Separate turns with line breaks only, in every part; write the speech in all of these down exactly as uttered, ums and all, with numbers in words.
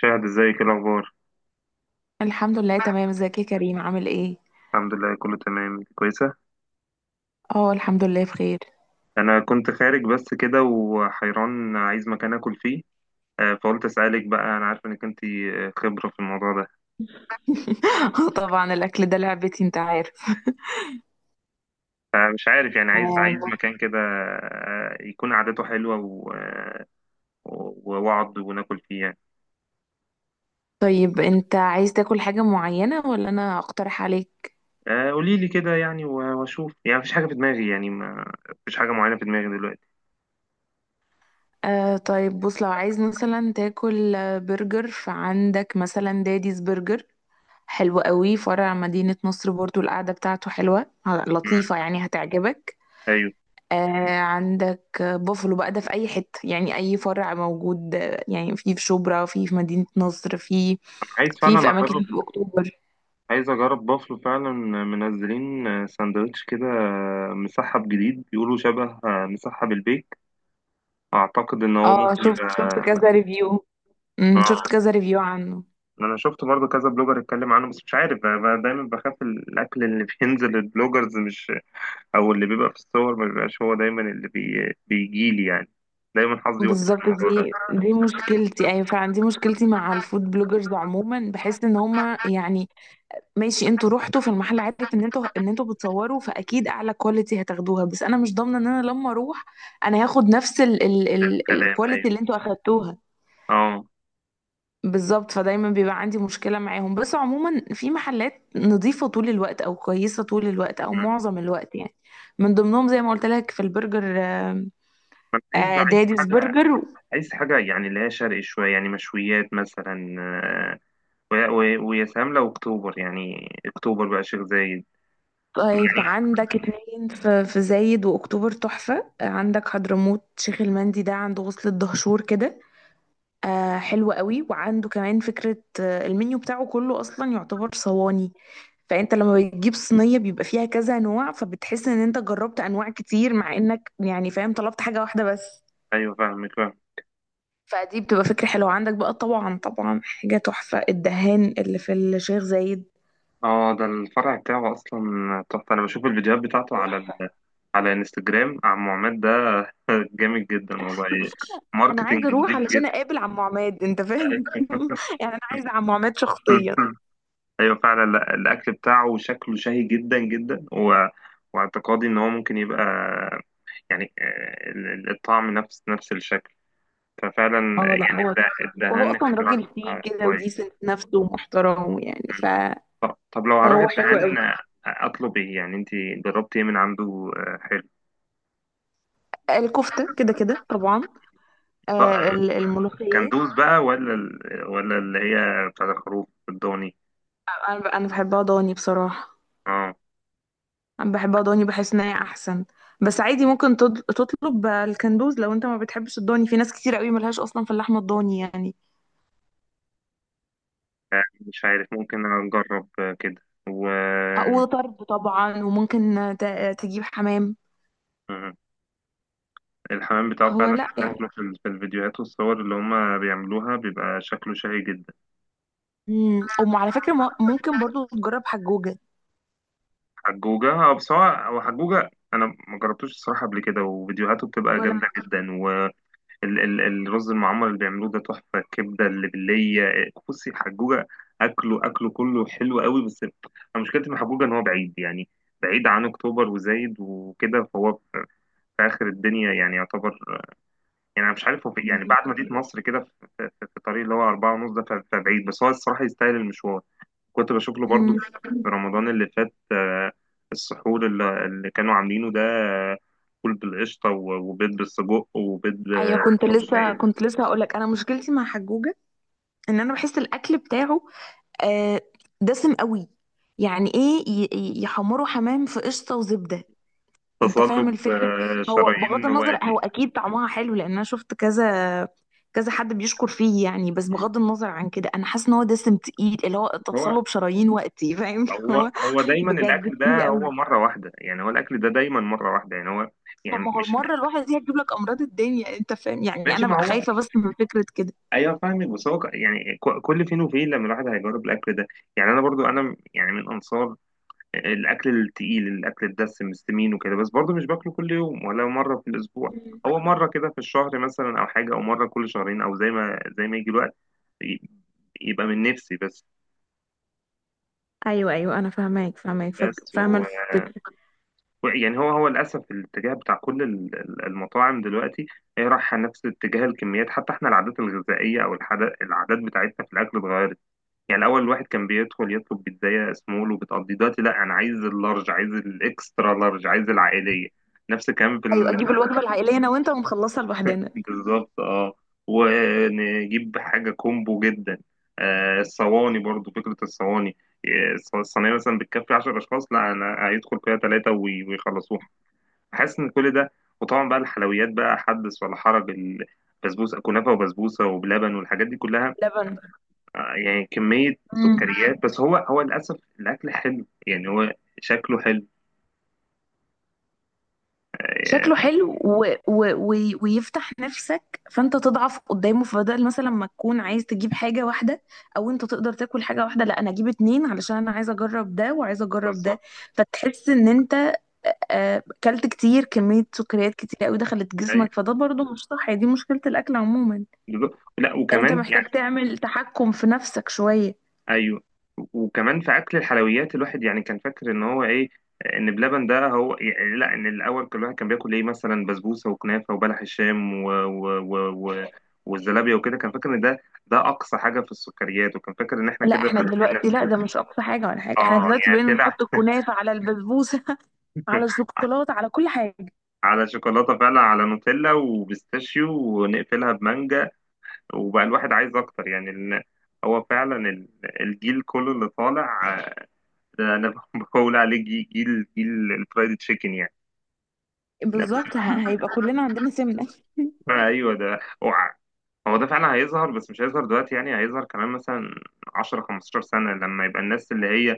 شاهد، ازيك؟ ايه الاخبار؟
الحمد لله تمام. ازيك يا كريم؟ عامل ايه؟
الحمد لله كله تمام كويسه.
اه الحمد لله بخير.
انا كنت خارج بس كده وحيران عايز مكان اكل فيه. آه، فقلت اسالك بقى، انا عارف انك انت خبره في الموضوع ده.
طبعا الاكل ده لعبتي، انت عارف.
فمش عارف يعني، عايز عايز
آه.
مكان كده، آه، يكون قعدته حلوه و- آه، و- واقعد وناكل فيه يعني.
طيب انت عايز تاكل حاجة معينة ولا انا اقترح عليك؟
آه، قولي لي كده يعني و- واشوف يعني، مفيش حاجه في دماغي يعني، ما- مفيش حاجه معينه في دماغي دلوقتي.
آه طيب بص، لو عايز مثلا تاكل آه، برجر فعندك مثلا داديز برجر، حلو قوي. فرع مدينة نصر برضو القعدة بتاعته حلوة، آه،
مم.
لطيفة يعني، هتعجبك.
ايوه،
آه عندك بوفلو بقى، ده في اي حته يعني، اي فرع موجود. آه، يعني في في شبرا، في في مدينه نصر، في
أنا عايز فعلا
في في اماكن
اجرب.
في اكتوبر.
عايز اجرب بافلو فعلا، منزلين ساندوتش كده، مسحب جديد بيقولوا شبه مسحب البيك. اعتقد ان هو
اه
ممكن
شفت شفت
يبقى.
كذا ريفيو، امم شفت
اه،
كذا ريفيو عنه.
انا شفت برضه كذا بلوجر اتكلم عنه، بس مش عارف، بقى بقى دايما بخاف الاكل اللي بينزل البلوجرز، مش او اللي بيبقى في الصور ما بيبقاش هو دايما اللي بي... بيجي لي يعني. دايما حظي وحش في
بالظبط،
الموضوع ده.
دي دي مشكلتي. ايوه فعلا دي مشكلتي مع الفود بلوجرز عموما. بحس ان هما يعني ماشي، انتوا رحتوا في المحل، عارف ان انتوا ان انتوا بتصوروا، فاكيد اعلى كواليتي هتاخدوها، بس انا مش ضامنه ان انا لما اروح انا هاخد نفس
ده الكلام،
الكواليتي
ايوه،
اللي انتوا اخدتوها.
اه.
بالظبط، فدايما بيبقى عندي مشكلة معاهم. بس عموما في محلات نظيفة طول الوقت أو كويسة طول الوقت أو
مم.
معظم الوقت يعني. من ضمنهم زي ما قلت لك في البرجر، آه،
ما أنا عايز
آه،
عايز
داديز
حاجه،
برجر.
عايز حاجه يعني اللي هي شرقي شويه، يعني مشويات مثلا، و- و- ويا سلام لو اكتوبر، يعني اكتوبر بقى، شيخ زايد
طيب
يعني.
عندك اتنين في في زايد وأكتوبر تحفة. آه، عندك حضرموت شيخ المندي، ده عند وصلة دهشور كده. آه حلو قوي، وعنده كمان فكرة. آه المنيو بتاعه كله أصلا يعتبر صواني، فأنت لما بتجيب صينية بيبقى فيها كذا نوع، فبتحس إن أنت جربت أنواع كتير مع إنك يعني فاهم طلبت حاجة واحدة بس.
ايوه فاهمك، فاهم.
فدي بتبقى فكرة حلوة. عندك بقى طبعا طبعا حاجة تحفة، الدهان اللي في الشيخ زايد،
اه، ده الفرع بتاعه اصلا تحفه. انا بشوف الفيديوهات بتاعته على
تحفة.
ال... على انستجرام، عم عماد ده جامد جدا والله،
أنا
ماركتنج
عايزة أروح
جديد
علشان
جدا.
أقابل عم عماد، أنت فاهم. يعني أنا عايزة عم عماد شخصيا.
ايوه فعلا، لا، الاكل بتاعه شكله شهي جدا جدا و... واعتقادي ان هو ممكن يبقى يعني، آه، ال- الطعم نفس نفس الشكل، ففعلا يعني،
اه لا هو تحفة،
الد-
وهو
الدهان
أصلا
اختراع.
راجل فيه كده،
كويس.
وديسنت نفسه ومحترم يعني ف...
طب لو هروح
فهو حلو
الدهان
قوي.
اطلب ايه يعني؟ انت جربتي ايه من عنده؟ آه، حلو.
الكفتة كده كده طبعا،
طب، آه،
آه، ال- الملوخية.
كندوز بقى ولا ال- ولا اللي هي بتاع الخروف الضاني؟
انا ب- انا بحبها ضاني بصراحة.
اه،
انا بحبها ضاني، بحس ان هي احسن. بس عادي ممكن تض- تطلب الكندوز لو انت ما بتحبش الضاني. في ناس كتير قوي ملهاش اصلا في اللحمة الضاني يعني.
مش عارف، ممكن اجرب آه، كده. و
آه، وطرب طبعا، وممكن ت- تجيب حمام.
آه، الحمام بتاعه
هو
فعلا
لا يعني
شكله في ال- في الفيديوهات والصور اللي هما بيعملوها بيبقى شكله شهي جدا.
امم وعلى فكرة م- ممكن برضو تجرب حجوجة
حجوجة، اه، بس هو هو حجوجة انا ما جربتوش الصراحة قبل كده، وفيديوهاته بتبقى
ولا.
جامدة جدا. ال- ال- الرز المعمر اللي بيعملوه ده تحفة، الكبدة اللي باللية، إيه، بصي الحجوجة، أكله أكله كله حلو قوي، بس أنا مشكلتي مع حجوجة إن هو بعيد يعني، بعيد عن أكتوبر وزايد وكده، فهو في آخر الدنيا يعني يعتبر. يعني أنا مش عارف، هو في- يعني
مم.
بعد مدينة نصر كده، في في- في الطريق اللي هو أربعة ونص ده، ف- فبعيد، بس هو الصراحة يستاهل المشوار. كنت بشوف له برضه
مم.
في رمضان اللي فات، آه، السحور اللي اللي كانوا عاملينه ده، آه، فول بالقشطة و- وبيض بالسجق وبيض،
ايوه،
آه،
كنت لسه كنت لسه هقول لك، انا مشكلتي مع حجوجة ان انا بحس الاكل بتاعه آه، دسم قوي. يعني ايه ي- ي- يحمروا حمام في قشطه وزبده، انت فاهم
تصلب
الفكره.
آه،
هو بغض
شرايين
النظر،
وقتي.
هو اكيد طعمها حلو لان انا شفت كذا كذا حد بيشكر فيه يعني. بس بغض النظر عن كده، انا حاسه ان هو دسم تقيل، اللي هو
هو
اتصله بشرايين وقتي، فاهم؟
هو
هو
هو دايما
بجد
الاكل
تقيل
ده هو
قوي.
مره واحده يعني، هو الاكل ده دايما مره واحده يعني هو،
طب
يعني
ما هو
مش
المره الواحده دي هتجيب لك امراض الدنيا، انت فاهم يعني.
ماشي.
انا
ما
بقى
هو
خايفه بس من فكره كده.
ايوه فاهمك، بس هو ك- يعني، ك- كل فين وفين لما الواحد هيجرب الاكل ده يعني. انا برضو، انا يعني من انصار آه، الاكل التقيل، الاكل الدسم السمين وكده، بس برضو مش باكله كل يوم ولا مره في الاسبوع.
مم.
هو مره كده في الشهر مثلا او حاجه، او مره كل شهرين، او زي ما زي ما يجي الوقت ي- يبقى من نفسي بس.
ايوه ايوه انا فاهماك فاهماك فاك-
بس
فاهمه الفكره.
يعني هو هو للأسف الاتجاه بتاع كل ال- ال- المطاعم دلوقتي هي رايحة نفس اتجاه الكميات. حتى احنا العادات الغذائية، أو الحدا- العادات بتاعتنا في الأكل اتغيرت. يعني الأول الواحد كان بيدخل يطلب بيتزاية سمول وبتقضي، دلوقتي لا، أنا عايز اللارج، عايز الإكسترا لارج، عايز العائلية. نفس الكلام في
ايوه
ال-
اجيب الوجبه العائليه انا وانت ونخلصها لوحدنا.
بالظبط اه. ونجيب حاجة كومبو جدا. آه الصواني برضو، فكرة الصواني، آه، الص- الصينية مثلا بتكفي عشرة أشخاص، لا أنا هيدخل فيها ثلاثة ويخلصوها. حاسس ان كل ده، وطبعا بقى الحلويات بقى حدث ولا حرج. البسبوسه، كنافه وبسبوسه وبلبن والحاجات دي كلها،
لبن.
آه، يعني كميه
مم.
سكريات. بس هو هو للاسف الاكل حلو يعني، هو شكله حلو. آه،
شكله حلو و... و... و... ويفتح نفسك، فانت تضعف قدامه، فبدل مثلا ما تكون عايز تجيب حاجه واحده او انت تقدر تاكل حاجه واحده، لا انا اجيب اتنين علشان انا عايزه اجرب ده وعايزه اجرب ده.
بالظبط.
فتحس ان انت آه، اكلت كتير، كميه سكريات كتير قوي دخلت جسمك،
أيوة،
فده برضو مش صح. دي مشكله الاكل عموما،
بالظبط. لا
ان انت
وكمان يعني،
محتاج تعمل تحكم في نفسك شويه.
ايوه، وكمان في اكل الحلويات الواحد يعني كان فاكر ان هو ايه، ان بلبن ده هو يعني، لا، ان الاول كان الواحد كان بياكل ايه، مثلا بسبوسه وكنافه وبلح الشام و... و... و... و... والزلابيه وكده، كان فاكر ان ده ده اقصى حاجه في السكريات، وكان فاكر ان احنا
لا
كده
احنا
بنعمل
دلوقتي لا،
نفسنا.
ده مش اقصى حاجه ولا حاجه. احنا
اه
دلوقتي
يعني
بقينا
طلع
نحط الكنافه على البسبوسه، على الشوكولاته، على كل حاجه.
على شوكولاته فعلا، على نوتيلا وبيستاشيو ونقفلها بمانجا. وبقى الواحد عايز اكتر، يعني ال... هو فعلا ال- الجيل كله اللي طالع ده انا بقول عليه جي- جيل جيل الفرايد تشيكن يعني. أنا
بالظبط،
ب-
ه- هيبقى كلنا عندنا سمنة.
ايوه، ده هو ع- هو ده فعلا هيظهر، بس مش هيظهر دلوقتي، يعني هيظهر كمان مثلا عشر خمسة عشر سنه، لما يبقى الناس اللي هي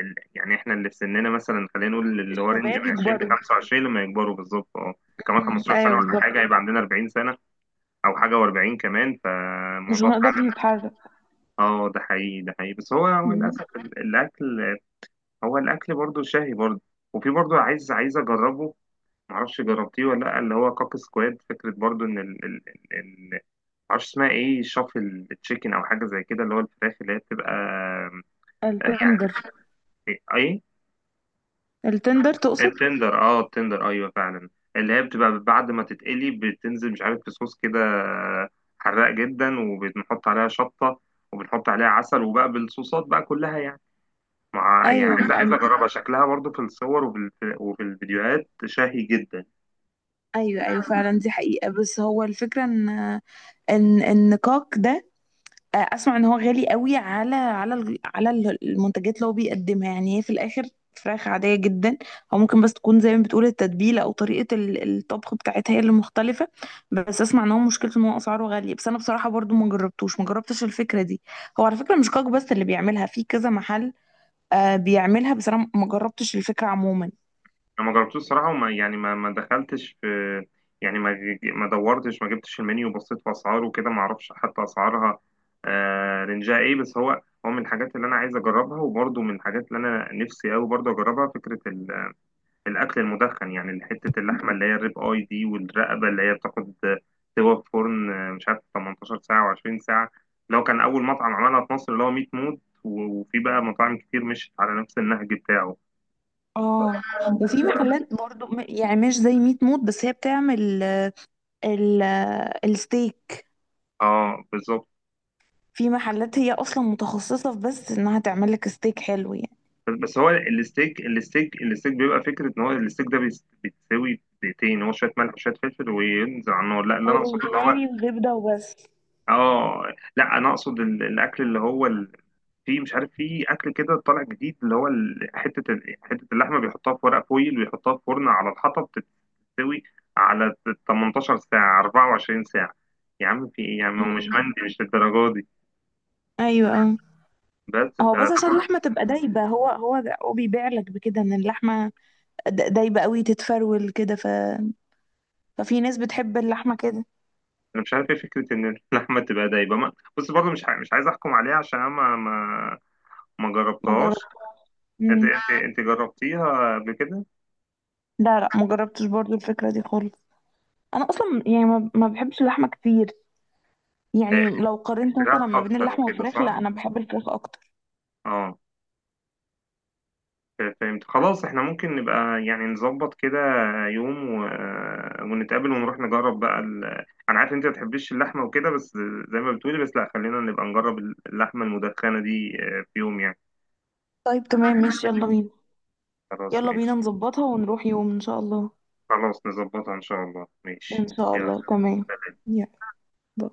ال- يعني احنا اللي في سننا مثلا، خلينا نقول اللي هو رينج
الشباب
من عشرين ل
يكبروا.
خمسة وعشرين، لما يكبروا بالظبط اه، كمان
مم.
خمسة عشر سنه
ايوه
ولا
بالظبط.
حاجه، هيبقى عندنا أربعين سنه او حاجه، وأربعين،
مش
فالموضوع
هنقدر
فعلا
نتحرك.
اه ده حقيقي، ده حقيقي، بس هو هو
مم.
للاسف ال- الاكل، هو الاكل برضو شهي برضو، وفي برضو عايز عايز اجربه، معرفش جربتيه ولا لا، اللي هو كاك سكواد، فكرة برضو ان ال ال ال ال- معرفش اسمها ايه، شافل تشيكن او حاجة زي كده، اللي هو الفراخ اللي هي بتبقى.
التندر.
إيه؟ اي
التندر تقصد؟
التندر، اه التندر، ايوه فعلا، اللي هي بتبقى بعد ما تتقلي بتنزل، مش عارف في صوص كده حراق جدا، وبنحط عليها شطة، وبنحط عليها عسل، وبقى بالصوصات بقى كلها يعني. مع يعني
ايوه
عايز
م-
عايز
أم-
اجربها، شكلها برضو في الصور، وفي ال- وفي الفيديوهات شهي جدا.
ايوه ايوه فعلا، دي حقيقة. بس هو الفكرة ان ان النقاق ده، آه، اسمع ان هو غالي قوي على على ال- على ال- المنتجات اللي هو بيقدمها. يعني هي في الاخر فراخ عادية جدا. او ممكن بس تكون زي ما بتقول التتبيلة او طريقة ال- الطبخ بتاعتها هي اللي مختلفة. بس اسمع ان هو مشكلته ان هو اسعاره غالية. بس انا بصراحة برضو ما جربتوش ما جربتش الفكرة دي. هو على فكرة مش كاك بس اللي بيعملها، في كذا محل آه، بيعملها، بس انا ما جربتش الفكرة عموما.
انا ما جربتوش الصراحه، وما يعني، ما ما دخلتش في يعني، ما ما دورتش، ما جبتش المنيو وبصيت في اسعاره وكده، ما اعرفش حتى اسعارها آه، رينجها ايه. بس هو هو من الحاجات اللي انا عايز اجربها، وبرضه من الحاجات اللي انا نفسي قوي برضه اجربها، فكره ال- الاكل المدخن يعني، حته اللحمه اللي هي الريب اي دي، والرقبه اللي هي بتاخد سوا في فرن، آه، مش عارف تمنتاشر ساعه وعشرين. لو كان اول مطعم عملها في مصر اللي هو ميت موت، و- وفي بقى مطاعم كتير مشت على نفس النهج بتاعه.
اه وفي محلات برضو م- يعني مش زي ميت موت، بس هي بتعمل آه، ال- آه، الستيك.
اه بالظبط.
في محلات هي اصلا متخصصة في بس انها تعمل لك ستيك حلو يعني،
بس بس هو الستيك، الستيك الستيك بيبقى فكره ان هو الستيك ده بيس- بيتسوي بدقيقتين، هو شويه ملح وشويه فلفل وينزل على النار، لا اللي انا اقصده اللي هو،
وروزماري وزبدة وبس.
اه لا انا اقصد ال- الاكل اللي هو ال- في مش عارف، في اكل كده طالع جديد اللي هو ال- حته ال- حته اللحمه بيحطها في ورق فويل، ويحطها في فرن على الحطب، بتتسوي على تمنتاشر ساعه، أربعة وعشرين ساعه. يا عم في ايه يا عم، هو مش
مم.
عندي مش للدرجه دي.
ايوه اه.
بس ف
هو بس عشان اللحمة تبقى دايبة، هو هو ده- هو بيبيع لك بكده ان اللحمة د- دايبة قوي، تتفرول كده، ف... ففي ناس بتحب اللحمة كده.
انا مش عارف ايه فكره ان اللحمه تبقى دايبه. ما بص برضه مش ع- مش عايز احكم عليها عشان انا ما ما ما
ما
جربتهاش.
جربت.
انت
مم.
انت انت جربتيها قبل كده؟
لا لا، ما جربتش برضو الفكرة دي خالص. انا اصلا يعني ما, ما بحبش اللحمة كتير.
إيه،
يعني لو قارنت مثلا
فراخ
ما بين
اكتر
اللحمة
وكده،
والفراخ،
صح،
لا انا بحب الفراخ اكتر.
اه فهمت. خلاص احنا ممكن نبقى يعني نظبط كده يوم و... ونتقابل ونروح نجرب بقى ال... انا عارف انت ما بتحبيش اللحمه وكده، بس زي ما بتقولي، بس لا خلينا نبقى نجرب اللحمه المدخنه دي آه، في يوم يعني.
طيب تمام ماشي، يلا بينا.
خلاص
يلا بينا
ماشي،
نظبطها ونروح يوم ان شاء الله.
خلاص نظبطها ان شاء الله،
إن
ماشي،
شاء
يلا.
الله تمام. يلا. باي.